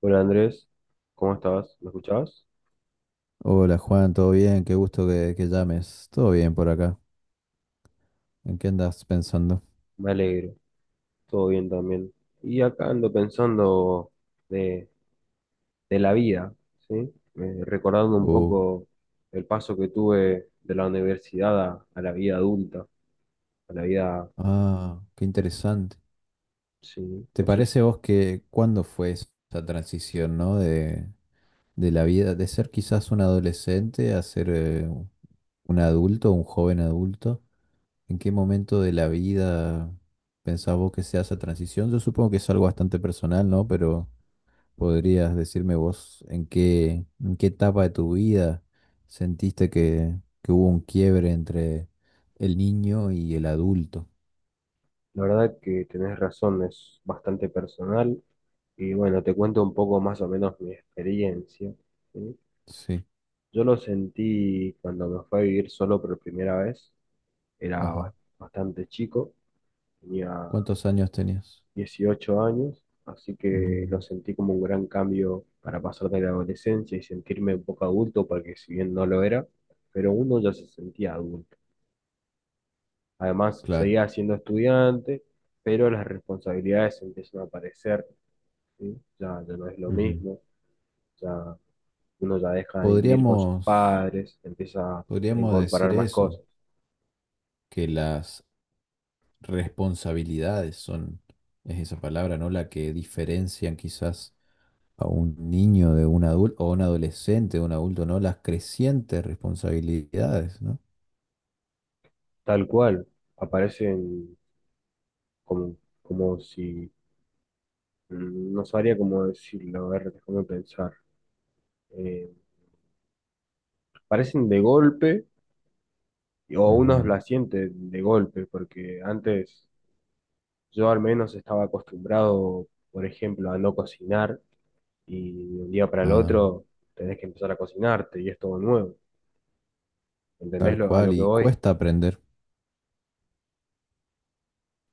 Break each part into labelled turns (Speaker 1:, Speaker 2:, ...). Speaker 1: Hola Andrés, ¿cómo estás? ¿Me escuchabas?
Speaker 2: Hola Juan, ¿todo bien? Qué gusto que llames. Todo bien por acá. ¿En qué andas pensando?
Speaker 1: Me alegro, todo bien también. Y acá ando pensando de, de la vida, ¿sí? Recordando un
Speaker 2: Oh,
Speaker 1: poco el paso que tuve de la universidad a la vida adulta, a la vida,
Speaker 2: ah, qué interesante.
Speaker 1: sí,
Speaker 2: ¿Te
Speaker 1: no sé,
Speaker 2: parece vos que cuándo fue esa transición, ¿no? De la vida, de ser quizás un adolescente a ser un adulto, un joven adulto. ¿En qué momento de la vida pensás vos que sea esa transición? Yo supongo que es algo bastante personal, ¿no? Pero ¿podrías decirme vos en qué etapa de tu vida sentiste que hubo un quiebre entre el niño y el adulto?
Speaker 1: la verdad que tenés razón, es bastante personal. Y bueno, te cuento un poco más o menos mi experiencia, ¿sí?
Speaker 2: Sí,
Speaker 1: Yo lo sentí cuando me fui a vivir solo por primera vez, era
Speaker 2: ajá.
Speaker 1: bas- bastante chico. Tenía
Speaker 2: ¿Cuántos años tenías?
Speaker 1: 18 años, así que lo
Speaker 2: Mm,
Speaker 1: sentí como un gran cambio para pasar de la adolescencia y sentirme un poco adulto, porque si bien no lo era, pero uno ya se sentía adulto. Además,
Speaker 2: claro.
Speaker 1: seguía siendo estudiante, pero las responsabilidades empiezan a aparecer, ¿sí? Ya no es lo
Speaker 2: Ujú.
Speaker 1: mismo, ya uno ya deja de vivir con sus
Speaker 2: Podríamos,
Speaker 1: padres, empieza a
Speaker 2: podríamos
Speaker 1: incorporar
Speaker 2: decir
Speaker 1: más
Speaker 2: eso,
Speaker 1: cosas.
Speaker 2: que las responsabilidades son, es esa palabra, ¿no? La que diferencian quizás a un niño de un adulto o un adolescente de un adulto, ¿no? Las crecientes responsabilidades, ¿no?
Speaker 1: Tal cual, aparecen como, como si no sabría cómo decirlo, a ver, déjame pensar. Eh, parecen de golpe, o uno
Speaker 2: Ujú.
Speaker 1: la siente de golpe, porque antes yo al menos estaba acostumbrado, por ejemplo, a no cocinar, y de un día para el
Speaker 2: Ah,
Speaker 1: otro tenés que empezar a cocinarte, y es todo nuevo. ¿Entendés
Speaker 2: tal
Speaker 1: a
Speaker 2: cual,
Speaker 1: lo que
Speaker 2: y
Speaker 1: voy?
Speaker 2: cuesta aprender.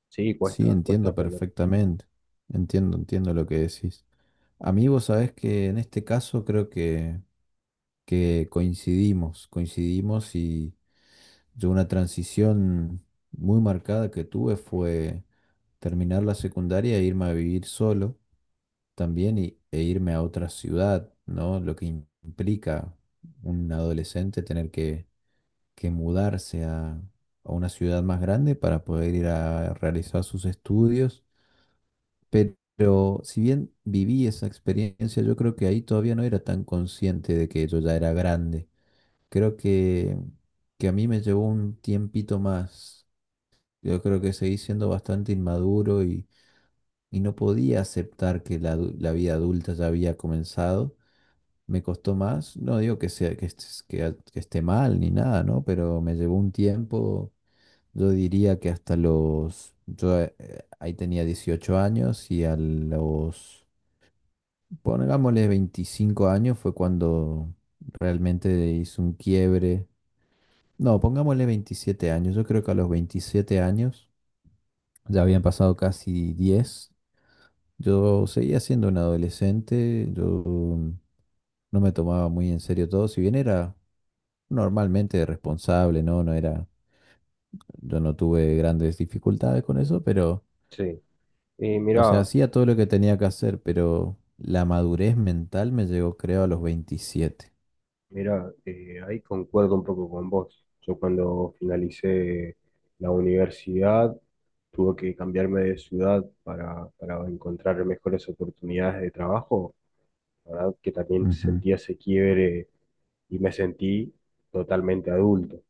Speaker 1: Sí,
Speaker 2: Sí,
Speaker 1: cuesta
Speaker 2: entiendo
Speaker 1: aprender.
Speaker 2: perfectamente. Entiendo lo que decís. A mí vos sabés que en este caso creo que coincidimos, coincidimos y yo una transición muy marcada que tuve fue terminar la secundaria e irme a vivir solo también y, e irme a otra ciudad, ¿no? Lo que implica un adolescente tener que mudarse a una ciudad más grande para poder ir a realizar sus estudios. Pero si bien viví esa experiencia, yo creo que ahí todavía no era tan consciente de que yo ya era grande. Creo que a mí me llevó un tiempito más. Yo creo que seguí siendo bastante inmaduro y no podía aceptar que la vida adulta ya había comenzado. Me costó más, no digo que sea que esté mal ni nada, ¿no? Pero me llevó un tiempo. Yo diría que hasta los... Yo ahí tenía 18 años y pongámosle 25 años fue cuando realmente hice un quiebre. No, pongámosle 27 años. Yo creo que a los 27 años, ya habían pasado casi 10, yo seguía siendo un adolescente, yo no me tomaba muy en serio todo, si bien era normalmente responsable, ¿no? No era, yo no tuve grandes dificultades con eso, pero...
Speaker 1: Sí. Y
Speaker 2: O sea,
Speaker 1: mirá,
Speaker 2: hacía todo lo que tenía que hacer, pero la madurez mental me llegó, creo, a los 27.
Speaker 1: Mira, ahí concuerdo un poco con vos. Yo cuando finalicé la universidad tuve que cambiarme de ciudad para encontrar mejores oportunidades de trabajo. La verdad que también
Speaker 2: Ujú.
Speaker 1: sentí ese quiebre y me sentí totalmente adulto.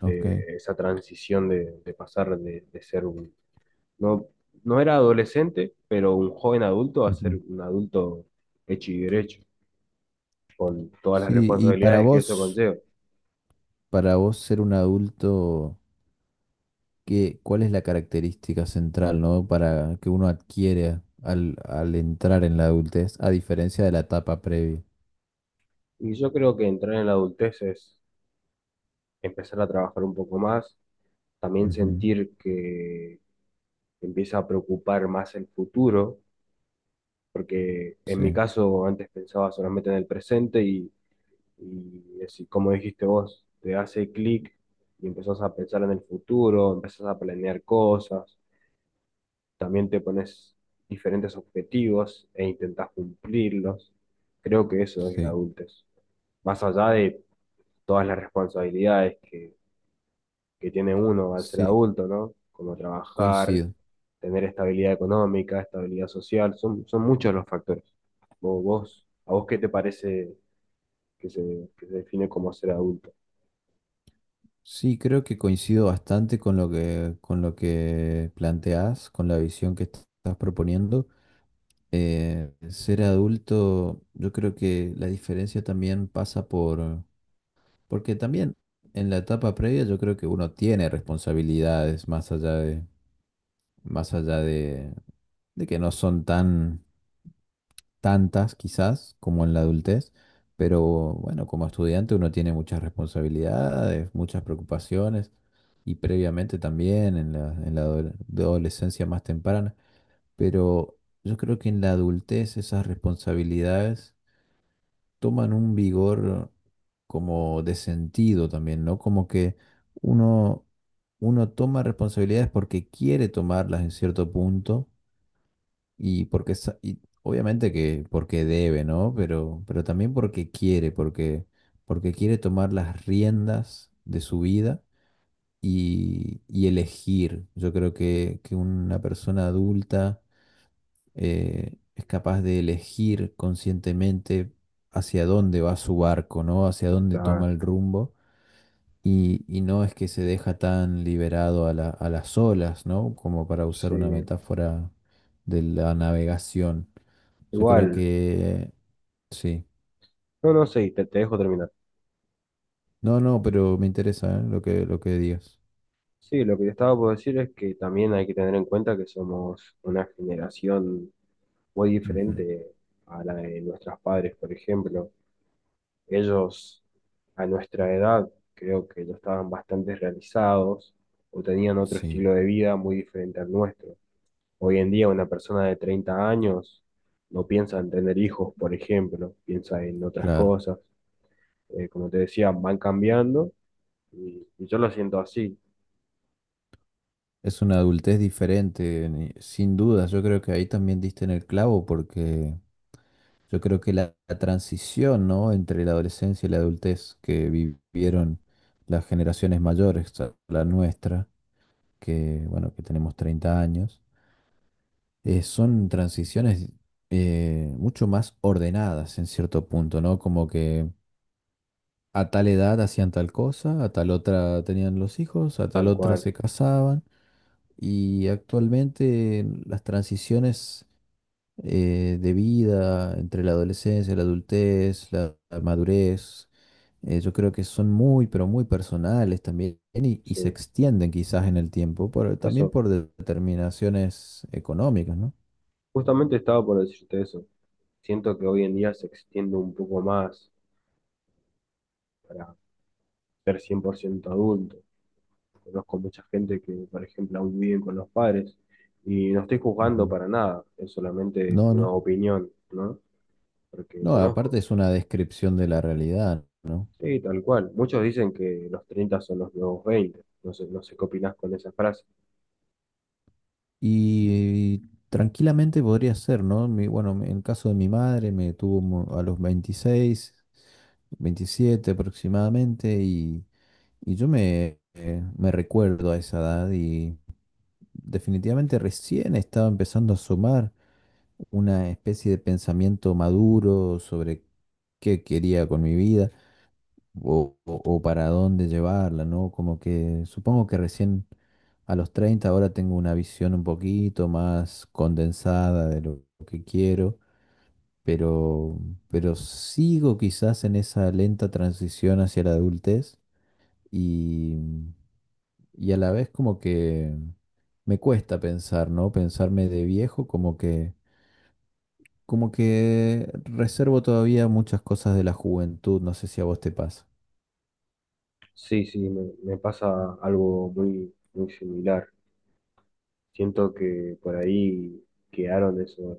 Speaker 2: Ok.
Speaker 1: Esa transición de pasar de ser un... No, no era adolescente, pero un joven adulto a ser
Speaker 2: Ujú.
Speaker 1: un adulto hecho y derecho, con todas las
Speaker 2: Sí, y
Speaker 1: responsabilidades que eso conlleva.
Speaker 2: para vos ser un adulto, ¿qué, cuál es la característica central, ¿no? Para que uno adquiere al, al entrar en la adultez, a diferencia de la etapa previa.
Speaker 1: Y yo creo que entrar en la adultez es empezar a trabajar un poco más, también
Speaker 2: Ujú.
Speaker 1: sentir que te empieza a preocupar más el futuro, porque en mi
Speaker 2: Sí,
Speaker 1: caso antes pensaba solamente en el presente y así como dijiste vos, te hace clic y empezás a pensar en el futuro, empezás a planear cosas, también te pones diferentes objetivos e intentás cumplirlos. Creo que eso es la
Speaker 2: sí,
Speaker 1: adultez, más allá de todas las responsabilidades que tiene uno al ser
Speaker 2: sí,
Speaker 1: adulto, ¿no? Como trabajar,
Speaker 2: coincido.
Speaker 1: tener estabilidad económica, estabilidad social, son muchos los factores. ¿A vos qué te parece que se define como ser adulto?
Speaker 2: Sí, creo que coincido bastante con lo que planteás, con la visión que estás proponiendo. Ser adulto, yo creo que la diferencia también pasa por, porque también en la etapa previa yo creo que uno tiene responsabilidades más allá de, más allá de que no son tan tantas quizás como en la adultez, pero bueno, como estudiante uno tiene muchas responsabilidades, muchas preocupaciones y previamente también en la, adolescencia más temprana, pero yo creo que en la adultez esas responsabilidades toman un vigor como de sentido también, ¿no? Como que uno, uno toma responsabilidades porque quiere tomarlas en cierto punto y obviamente que porque debe, ¿no? Pero también porque quiere tomar las riendas de su vida y elegir. Yo creo que una persona adulta es capaz de elegir conscientemente hacia dónde va su barco, ¿no? Hacia dónde toma
Speaker 1: Claro,
Speaker 2: el rumbo. Y no es que se deja tan liberado a las olas, ¿no? Como para usar una
Speaker 1: sí.
Speaker 2: metáfora de la navegación. Yo creo
Speaker 1: Igual,
Speaker 2: que sí.
Speaker 1: no, no, sí, te dejo terminar.
Speaker 2: No, no, pero me interesa, ¿eh? Lo que, lo que digas.
Speaker 1: Sí, lo que te estaba por decir es que también hay que tener en cuenta que somos una generación muy
Speaker 2: Ujú.
Speaker 1: diferente a la de nuestros padres, por ejemplo. Ellos a nuestra edad creo que ya estaban bastante realizados o tenían otro
Speaker 2: Sí,
Speaker 1: estilo de vida muy diferente al nuestro. Hoy en día una persona de 30 años no piensa en tener hijos, por ejemplo, piensa en otras
Speaker 2: claro.
Speaker 1: cosas. Como te decía, van cambiando y yo lo siento así,
Speaker 2: Es una adultez diferente, sin duda. Yo creo que ahí también diste en el clavo porque yo creo que la transición, ¿no? entre la adolescencia y la adultez que vivieron las generaciones mayores, a la nuestra, que bueno, que tenemos 30 años, son transiciones mucho más ordenadas en cierto punto, ¿no? Como que a tal edad hacían tal cosa, a tal otra tenían los hijos, a tal
Speaker 1: tal
Speaker 2: otra
Speaker 1: cual.
Speaker 2: se casaban, y actualmente las transiciones de vida entre la adolescencia, la adultez, la madurez. Yo creo que son muy, pero muy personales también y
Speaker 1: Sí,
Speaker 2: se extienden quizás en el tiempo, también
Speaker 1: eso.
Speaker 2: por determinaciones económicas, ¿no?
Speaker 1: Justamente estaba por decirte eso. Siento que hoy en día se extiende un poco más para ser 100% adulto. Conozco mucha gente que, por ejemplo, aún viven con los padres y no estoy juzgando
Speaker 2: Ujú.
Speaker 1: para nada, es solamente
Speaker 2: No,
Speaker 1: una
Speaker 2: no.
Speaker 1: opinión, ¿no? Porque
Speaker 2: No, aparte
Speaker 1: conozco.
Speaker 2: es una descripción de la realidad, ¿no?
Speaker 1: Sí, tal cual. Muchos dicen que los 30 son los nuevos 20. No sé, no sé qué opinás con esa frase.
Speaker 2: Y tranquilamente podría ser, ¿no? Bueno, en el caso de mi madre me tuvo a los 26, 27 aproximadamente y yo me recuerdo a esa edad y definitivamente recién estaba empezando a asomar una especie de pensamiento maduro sobre qué quería con mi vida o, o para dónde llevarla, ¿no? Como que supongo que recién a los 30 ahora tengo una visión un poquito más condensada de lo que quiero, pero, pero sigo quizás en esa lenta transición hacia la adultez y, y a la vez como que me cuesta pensar, ¿no? Pensarme de viejo como que... Como que reservo todavía muchas cosas de la juventud, no sé si a vos te pasa.
Speaker 1: Sí, sí, me pasa algo muy, muy similar. Siento que por ahí quedaron esos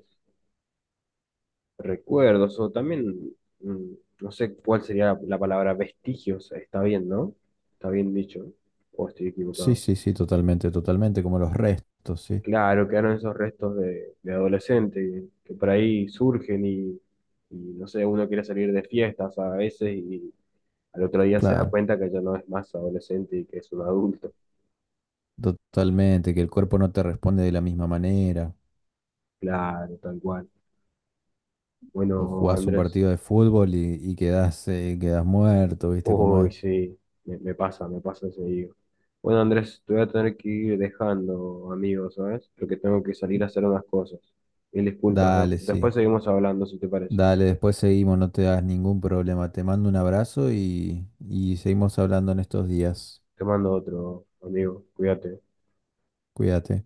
Speaker 1: recuerdos o también, mm, no sé cuál sería la palabra vestigios. Está bien, ¿no? Está bien dicho. O estoy
Speaker 2: Sí,
Speaker 1: equivocado.
Speaker 2: sí, sí, totalmente, totalmente, como los restos, sí,
Speaker 1: Claro, quedaron esos restos de adolescente que por ahí surgen y, no sé, uno quiere salir de fiestas a veces y al otro día se da
Speaker 2: claro,
Speaker 1: cuenta que ya no es más adolescente y que es un adulto.
Speaker 2: totalmente, que el cuerpo no te responde de la misma manera,
Speaker 1: Claro, tal cual.
Speaker 2: o
Speaker 1: Bueno,
Speaker 2: jugás un
Speaker 1: Andrés,
Speaker 2: partido de fútbol y quedás, quedás muerto, ¿viste cómo
Speaker 1: uy,
Speaker 2: es?
Speaker 1: sí, me pasa seguido. Bueno, Andrés, te voy a tener que ir dejando, amigo, ¿sabes? Porque tengo que salir a hacer unas cosas. Mil disculpas,
Speaker 2: Dale,
Speaker 1: después
Speaker 2: sí,
Speaker 1: seguimos hablando, si te parece.
Speaker 2: dale, después seguimos, no te das ningún problema, te mando un abrazo y seguimos hablando en estos días,
Speaker 1: Te mando otro, amigo, cuídate.
Speaker 2: cuídate.